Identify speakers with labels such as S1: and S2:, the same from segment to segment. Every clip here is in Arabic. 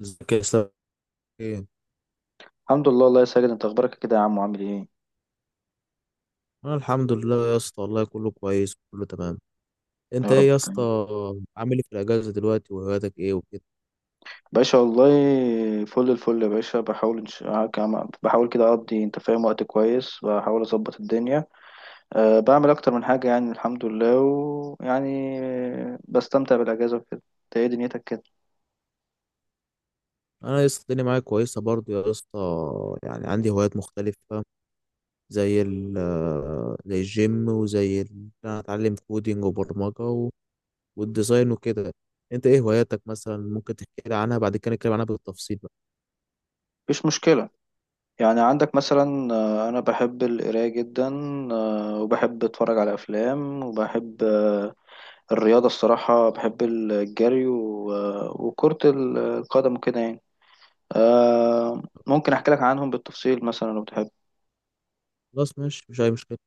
S1: ازيك يا اسطى؟ ايه،
S2: الحمد لله الله يا ساجد، انت اخبارك إيه كده يا عم، وعامل ايه؟
S1: انا الحمد لله يا اسطى والله، كله كويس كله تمام.
S2: يا
S1: انت
S2: رب
S1: ايه يا اسطى؟
S2: تمام.
S1: عامل ايه في الاجازه دلوقتي وهواياتك ايه وكده؟
S2: باشا والله. فل الفل يا باشا. بحاول بحاول كده اقضي، انت فاهم، وقت كويس، بحاول اظبط الدنيا. بعمل اكتر من حاجه يعني، الحمد لله، ويعني بستمتع بالاجازه وكده. انت ايه دنيتك كده؟
S1: انا يا اسطى الدنيا معايا كويسه برضو يا اسطى. يعني عندي هوايات مختلفه، زي ال زي الجيم وزي ال- إن انا اتعلم كودينج وبرمجه والديزاين وكده. انت ايه هواياتك مثلا؟ ممكن تحكي لي عنها، بعد كده نتكلم عنها بالتفصيل بقى.
S2: مفيش مشكله. يعني عندك مثلا، انا بحب القرايه جدا. وبحب اتفرج على افلام، وبحب الرياضه الصراحه، بحب الجري وكره القدم كده يعني. آه ممكن احكي لك عنهم بالتفصيل مثلا لو تحب.
S1: خلاص ماشي مش اي مشكله.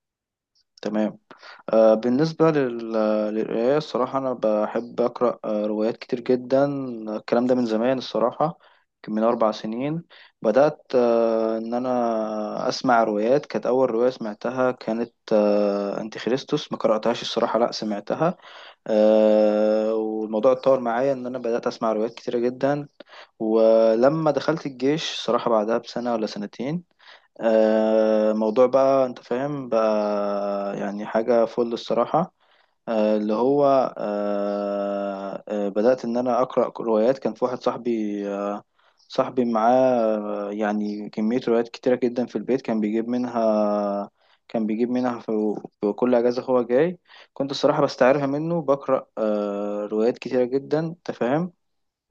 S2: تمام. بالنسبة للقراية الصراحة، أنا بحب أقرأ روايات كتير جدا. الكلام ده من زمان الصراحة. يمكن من 4 سنين بدأت، إن أنا أسمع روايات. كانت أول رواية سمعتها كانت أنتي خريستوس، ما قرأتهاش الصراحة، لأ سمعتها. والموضوع اتطور معايا إن أنا بدأت أسمع روايات كتيرة جدا. ولما دخلت الجيش صراحة بعدها بسنة ولا سنتين، موضوع بقى انت فاهم بقى، يعني حاجة فل الصراحة، اللي هو بدأت ان انا اقرأ روايات. كان في واحد صاحبي، صاحبي معاه يعني كمية روايات كتيرة جدا في البيت. كان بيجيب منها، في كل اجازة هو جاي. كنت الصراحة بستعيرها منه، بقرأ روايات كتيرة جدا، انت فاهم.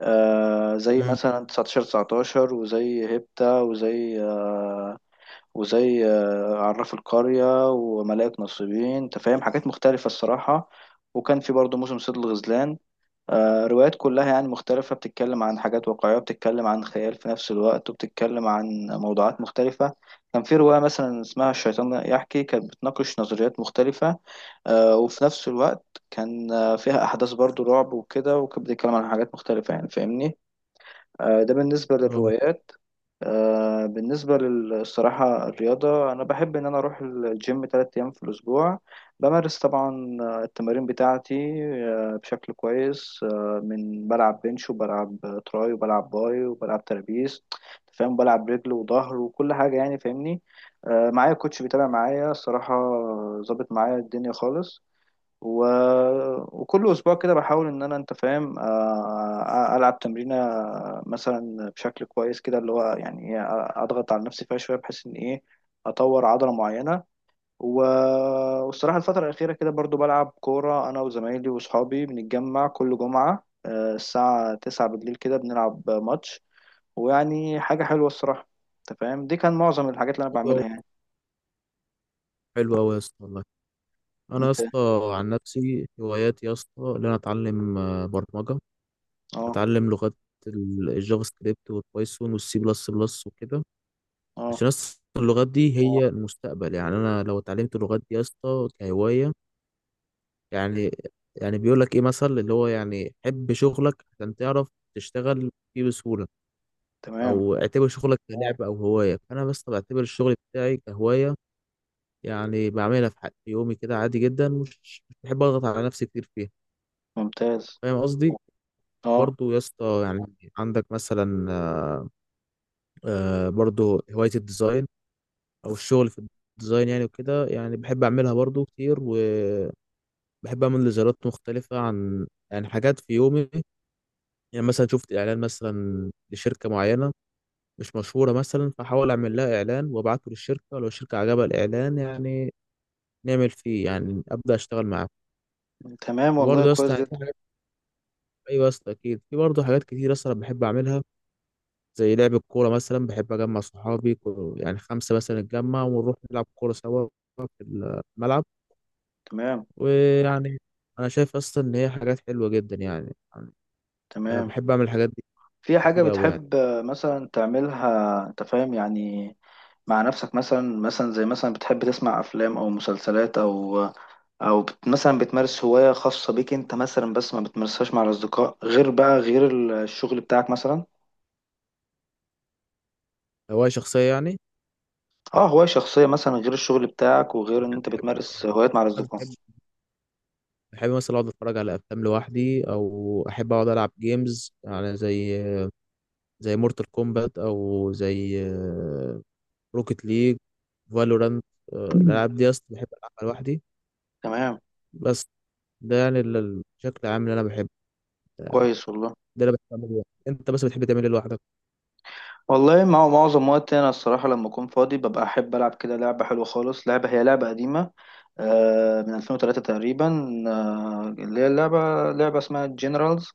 S2: زي
S1: امم
S2: مثلا 19 19، وزي هيبتا، وزي آه، عراف القرية وملائكة نصيبين، انت فاهم، حاجات مختلفة الصراحة. وكان في برضه موسم صيد الغزلان. روايات كلها يعني مختلفة، بتتكلم عن حاجات واقعية، بتتكلم عن خيال في نفس الوقت، وبتتكلم عن موضوعات مختلفة. كان في رواية مثلا اسمها الشيطان يحكي، كانت بتناقش نظريات مختلفة، وفي نفس الوقت كان فيها أحداث برضه رعب وكده، وكانت بتتكلم عن حاجات مختلفة يعني، فاهمني. ده بالنسبة للروايات. بالنسبة للصراحة الرياضة، أنا بحب إن أنا أروح الجيم تلات أيام في الأسبوع. بمارس طبعا التمارين بتاعتي بشكل كويس. من بلعب بنش، وبلعب تراي، وبلعب باي، وبلعب ترابيز، فاهم، بلعب رجل وظهر وكل حاجة يعني، فاهمني. معايا كوتش بيتابع معايا الصراحة، ظابط معايا الدنيا خالص. و... وكل اسبوع كده بحاول ان انا، انت فاهم، العب تمرينه مثلا بشكل كويس كده، اللي هو يعني ايه، اضغط على نفسي فيها شويه بحيث ان ايه، اطور عضله معينه. و... والصراحه الفتره الاخيره كده برضو بلعب كوره انا وزمايلي واصحابي، بنتجمع كل جمعه الساعه 9 بالليل كده بنلعب ماتش، ويعني حاجه حلوه الصراحه، انت فاهم. دي كان معظم الحاجات اللي انا
S1: حلو
S2: بعملها
S1: قوي،
S2: يعني.
S1: حلو قوي يا اسطى والله. انا يا
S2: انت.
S1: اسطى عن نفسي هواياتي يا اسطى ان انا اتعلم برمجه،
S2: اه.
S1: اتعلم لغات، الجافا سكريبت والبايثون والسي بلس بلس وكده.
S2: اه.
S1: عشان يا اسطى اللغات دي هي المستقبل، يعني انا لو اتعلمت اللغات دي يا اسطى كهوايه، يعني يعني بيقول لك ايه مثل اللي هو يعني حب شغلك عشان تعرف تشتغل فيه بسهوله،
S2: تمام.
S1: او اعتبر شغلك كلعبه او هوايه، فانا بس بعتبر الشغل بتاعي كهوايه، يعني بعملها في في يومي كده عادي جدا، مش بحب اضغط على نفسي كتير فيها.
S2: ممتاز.
S1: فاهم قصدي؟
S2: اه.
S1: برضو يا اسطى يعني عندك مثلا برضو هواية الديزاين أو الشغل في الديزاين يعني وكده، يعني بحب أعملها برضو كتير، وبحب أعمل ديزاينات مختلفة عن يعني حاجات في يومي. يعني مثلا شفت إعلان مثلا لشركة معينة مش مشهورة مثلا، فحاول أعمل لها إعلان وأبعته للشركة، لو الشركة عجبها الإعلان يعني نعمل فيه، يعني أبدأ أشتغل معاه.
S2: تمام والله،
S1: وبرضه يا اسطى
S2: كويس
S1: يعني في
S2: جدا.
S1: حاجات، أيوة يا اسطى أكيد في برضه حاجات كتير يا اسطى أنا بحب أعملها، زي لعب الكورة مثلا، بحب أجمع صحابي يعني خمسة مثلا نتجمع ونروح نلعب كورة سوا في الملعب.
S2: تمام.
S1: ويعني أنا شايف أصلا إن هي حاجات حلوة جدا يعني، أنا
S2: تمام.
S1: بحب أعمل الحاجات دي
S2: في حاجة
S1: كتير أوي يعني.
S2: بتحب مثلا تعملها، انت فاهم يعني، مع نفسك مثلا؟ زي مثلا بتحب تسمع افلام او مسلسلات، او او بت مثلا بتمارس هواية خاصة بيك انت مثلا، بس ما بتمارسهاش مع الاصدقاء، غير بقى غير الشغل بتاعك مثلا؟
S1: هواية شخصية يعني؟
S2: اه، هواية شخصية مثلا، غير الشغل بتاعك وغير ان انت
S1: بحب
S2: بتمارس هوايات مع الاصدقاء.
S1: بحب بحب مثلا أقعد أتفرج على أفلام لوحدي، أو أحب أقعد ألعب جيمز يعني زي مورتال كومبات أو زي روكيت ليج، فالورانت، الألعاب دي أصلا بحب ألعبها لوحدي.
S2: تمام.
S1: بس ده يعني الشكل العام اللي أنا بحبه،
S2: كويس والله.
S1: ده اللي بحب اعمله لوحدي. انت بس بتحب تعمل ايه لوحدك؟
S2: والله مع معظم وقتي انا الصراحه، لما اكون فاضي ببقى احب العب كده لعبه حلوه خالص. لعبه هي لعبه قديمه من 2003 تقريبا، اللي هي اللعبة لعبة اسمها جنرالز.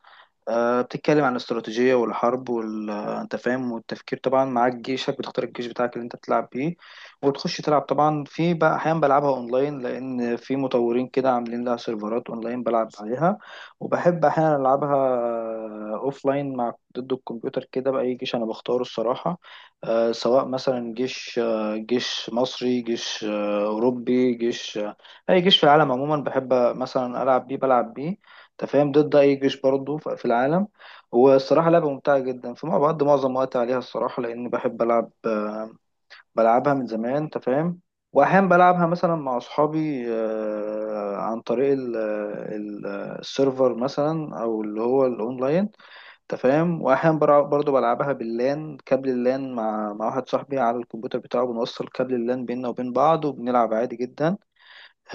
S2: بتتكلم عن الاستراتيجية والحرب انت فاهم، والتفكير. طبعا معاك جيشك، بتختار الجيش بتاعك اللي انت بتلعب بيه وتخش تلعب. طبعا في بقى احيانا بلعبها اونلاين، لان في مطورين كده عاملين لها سيرفرات اونلاين بلعب عليها. وبحب احيانا العبها اوفلاين مع ضد الكمبيوتر كده، بأي جيش انا بختاره الصراحة. سواء مثلا جيش جيش مصري، جيش اوروبي، جيش اي جيش في العالم عموما، بحب مثلا العب بيه، بلعب بيه، انت فاهم، ضد اي جيش برضه في العالم. والصراحه لعبه ممتعه جدا. فمع بعض معظم وقتي عليها الصراحه، لان بحب العب بلعبها من زمان، انت فاهم. واحيانا بلعبها مثلا مع اصحابي عن طريق السيرفر مثلا، او اللي هو الاونلاين، انت فاهم. واحيانا برضه بلعبها باللان، كابل اللان، مع واحد صاحبي على الكمبيوتر بتاعه، بنوصل كابل اللان بيننا وبين بعض وبنلعب عادي جدا.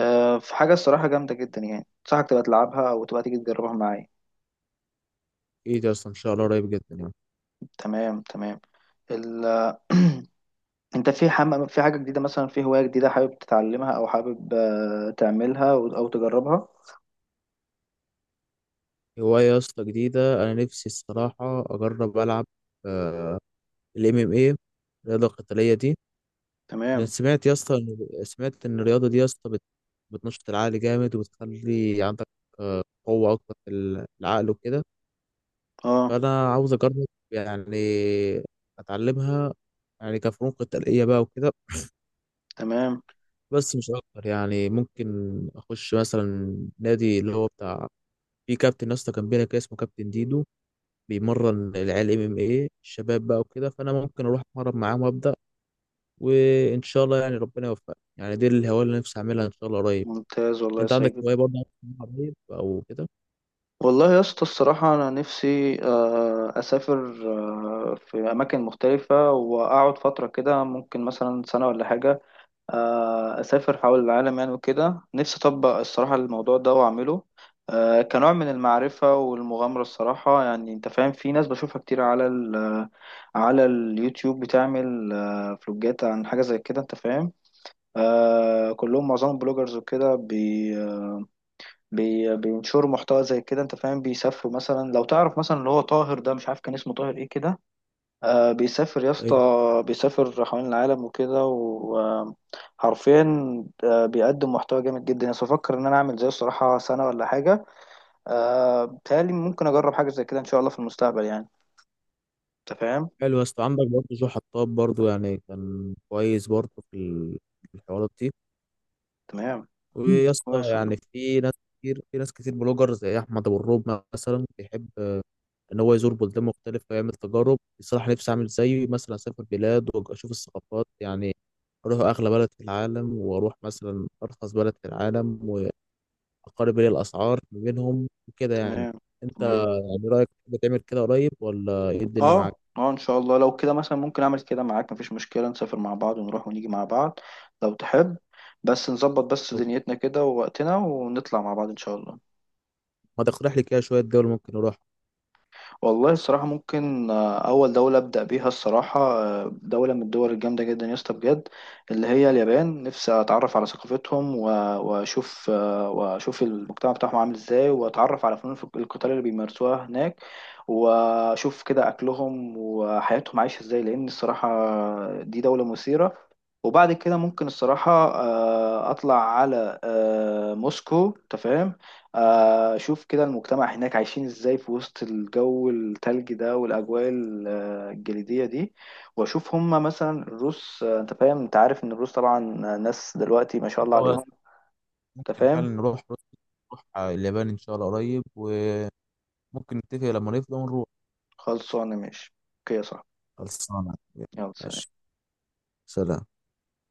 S2: في حاجة الصراحة جامدة جدا يعني، أنصحك تبقى تلعبها أو تبقى تيجي تجربها معايا.
S1: ايه ده؟ اصلا ان شاء الله قريب جدا يعني.
S2: تمام. تمام. ال... أنت في في حاجة جديدة مثلا، في هواية جديدة حابب تتعلمها، أو حابب تعملها، أو تجربها؟
S1: هوايه يا اسطى جديده، انا نفسي الصراحه اجرب العب الام ام ايه، الرياضه القتاليه دي. انا
S2: تمام.
S1: سمعت يا اسطى سمعت ان الرياضه دي يا اسطى بتنشط العقل جامد، وبتخلي عندك قوه اكتر في العقل وكده.
S2: أه.
S1: فانا عاوز اجرب يعني اتعلمها يعني كفنون قتاليه بقى وكده،
S2: تمام.
S1: بس مش اكتر يعني. ممكن اخش مثلا نادي اللي هو بتاع، في كابتن يا اسطى كان بينا كده اسمه كابتن ديدو، بيمرن العيال ام ام ايه، الشباب بقى وكده، فانا ممكن اروح اتمرن معاهم وابدا، وان شاء الله يعني ربنا يوفقني، يعني دي الهوايه اللي نفسي اعملها ان شاء الله قريب.
S2: ممتاز والله يا
S1: انت عندك
S2: ساجد.
S1: هوايه برضه عايز تعملها قريب او كده؟
S2: والله يا اسطى الصراحة أنا نفسي أسافر في أماكن مختلفة وأقعد فترة كده، ممكن مثلا سنة ولا حاجة. أسافر حول العالم يعني وكده. نفسي أطبق الصراحة الموضوع ده وأعمله، كنوع من المعرفة والمغامرة الصراحة يعني. أنت فاهم، في ناس بشوفها كتير على على اليوتيوب بتعمل فلوجات عن حاجة زي كده، أنت فاهم. كلهم معظمهم بلوجرز وكده، بي بي بينشروا محتوى زي كده، أنت فاهم. بيسافروا مثلا، لو تعرف مثلا اللي هو طاهر ده، مش عارف كان اسمه طاهر إيه كده. آه، بيسافر يا اسطى،
S1: أيوة.
S2: بيسافر حوالين العالم وكده، وحرفيا آه بيقدم محتوى جامد جدا يعني. بفكر ان انا اعمل زيه الصراحة سنة ولا حاجة. آه بيتهيألي ممكن اجرب حاجة زي كده ان شاء الله في المستقبل يعني، انت فاهم.
S1: حلو يا اسطى، عندك برضه جو حطاب برضه، يعني كان كويس برضه في في الحوارات دي.
S2: تمام. مم.
S1: ويا اسطى
S2: كويس والله.
S1: يعني في ناس كتير، في ناس كتير بلوجر زي احمد ابو الروب مثلا، بيحب ان هو يزور بلدان مختلفه ويعمل تجارب. بصراحه نفسي اعمل زيه، مثلا اسافر بلاد واشوف الثقافات، يعني اروح اغلى بلد في العالم واروح مثلا ارخص بلد في العالم، واقارب بين الاسعار ما بينهم وكده يعني.
S2: تمام.
S1: انت
S2: تمام.
S1: يعني رايك بتعمل كده قريب ولا ايه الدنيا معاك؟
S2: اه. اه. ان شاء الله لو كده مثلا ممكن اعمل كده معاك، مفيش مشكلة، نسافر مع بعض، ونروح ونيجي مع بعض لو تحب. بس نظبط بس
S1: طب
S2: دنيتنا كده ووقتنا، ونطلع مع بعض ان شاء الله.
S1: ما تقترح لي كده شويه دول ممكن نروح.
S2: والله الصراحة ممكن، أول دولة أبدأ بيها الصراحة، دولة من الدول الجامدة جدا يا اسطى بجد، اللي هي اليابان. نفسي أتعرف على ثقافتهم وأشوف وأشوف المجتمع بتاعهم عامل إزاي، وأتعرف على فنون القتال اللي بيمارسوها هناك، وأشوف كده أكلهم وحياتهم عايشة إزاي. لأن الصراحة دي دولة مثيرة. وبعد كده ممكن الصراحة أطلع على موسكو، تفهم، اشوف كده المجتمع هناك عايشين ازاي في وسط الجو التلج ده، والاجواء الجليديه دي. واشوف هما مثلا الروس، انت فاهم، انت عارف ان الروس طبعا ناس دلوقتي ما شاء الله
S1: حلو،
S2: عليهم. انت
S1: ممكن
S2: فاهم.
S1: فعلا نروح روسيا، نروح اليابان ان شاء الله قريب، وممكن نتفق لما نفضى ونروح.
S2: خلصانه ماشي. اوكي يا صاحبي.
S1: خلصانه
S2: يلا سلام.
S1: ماشي. سلام.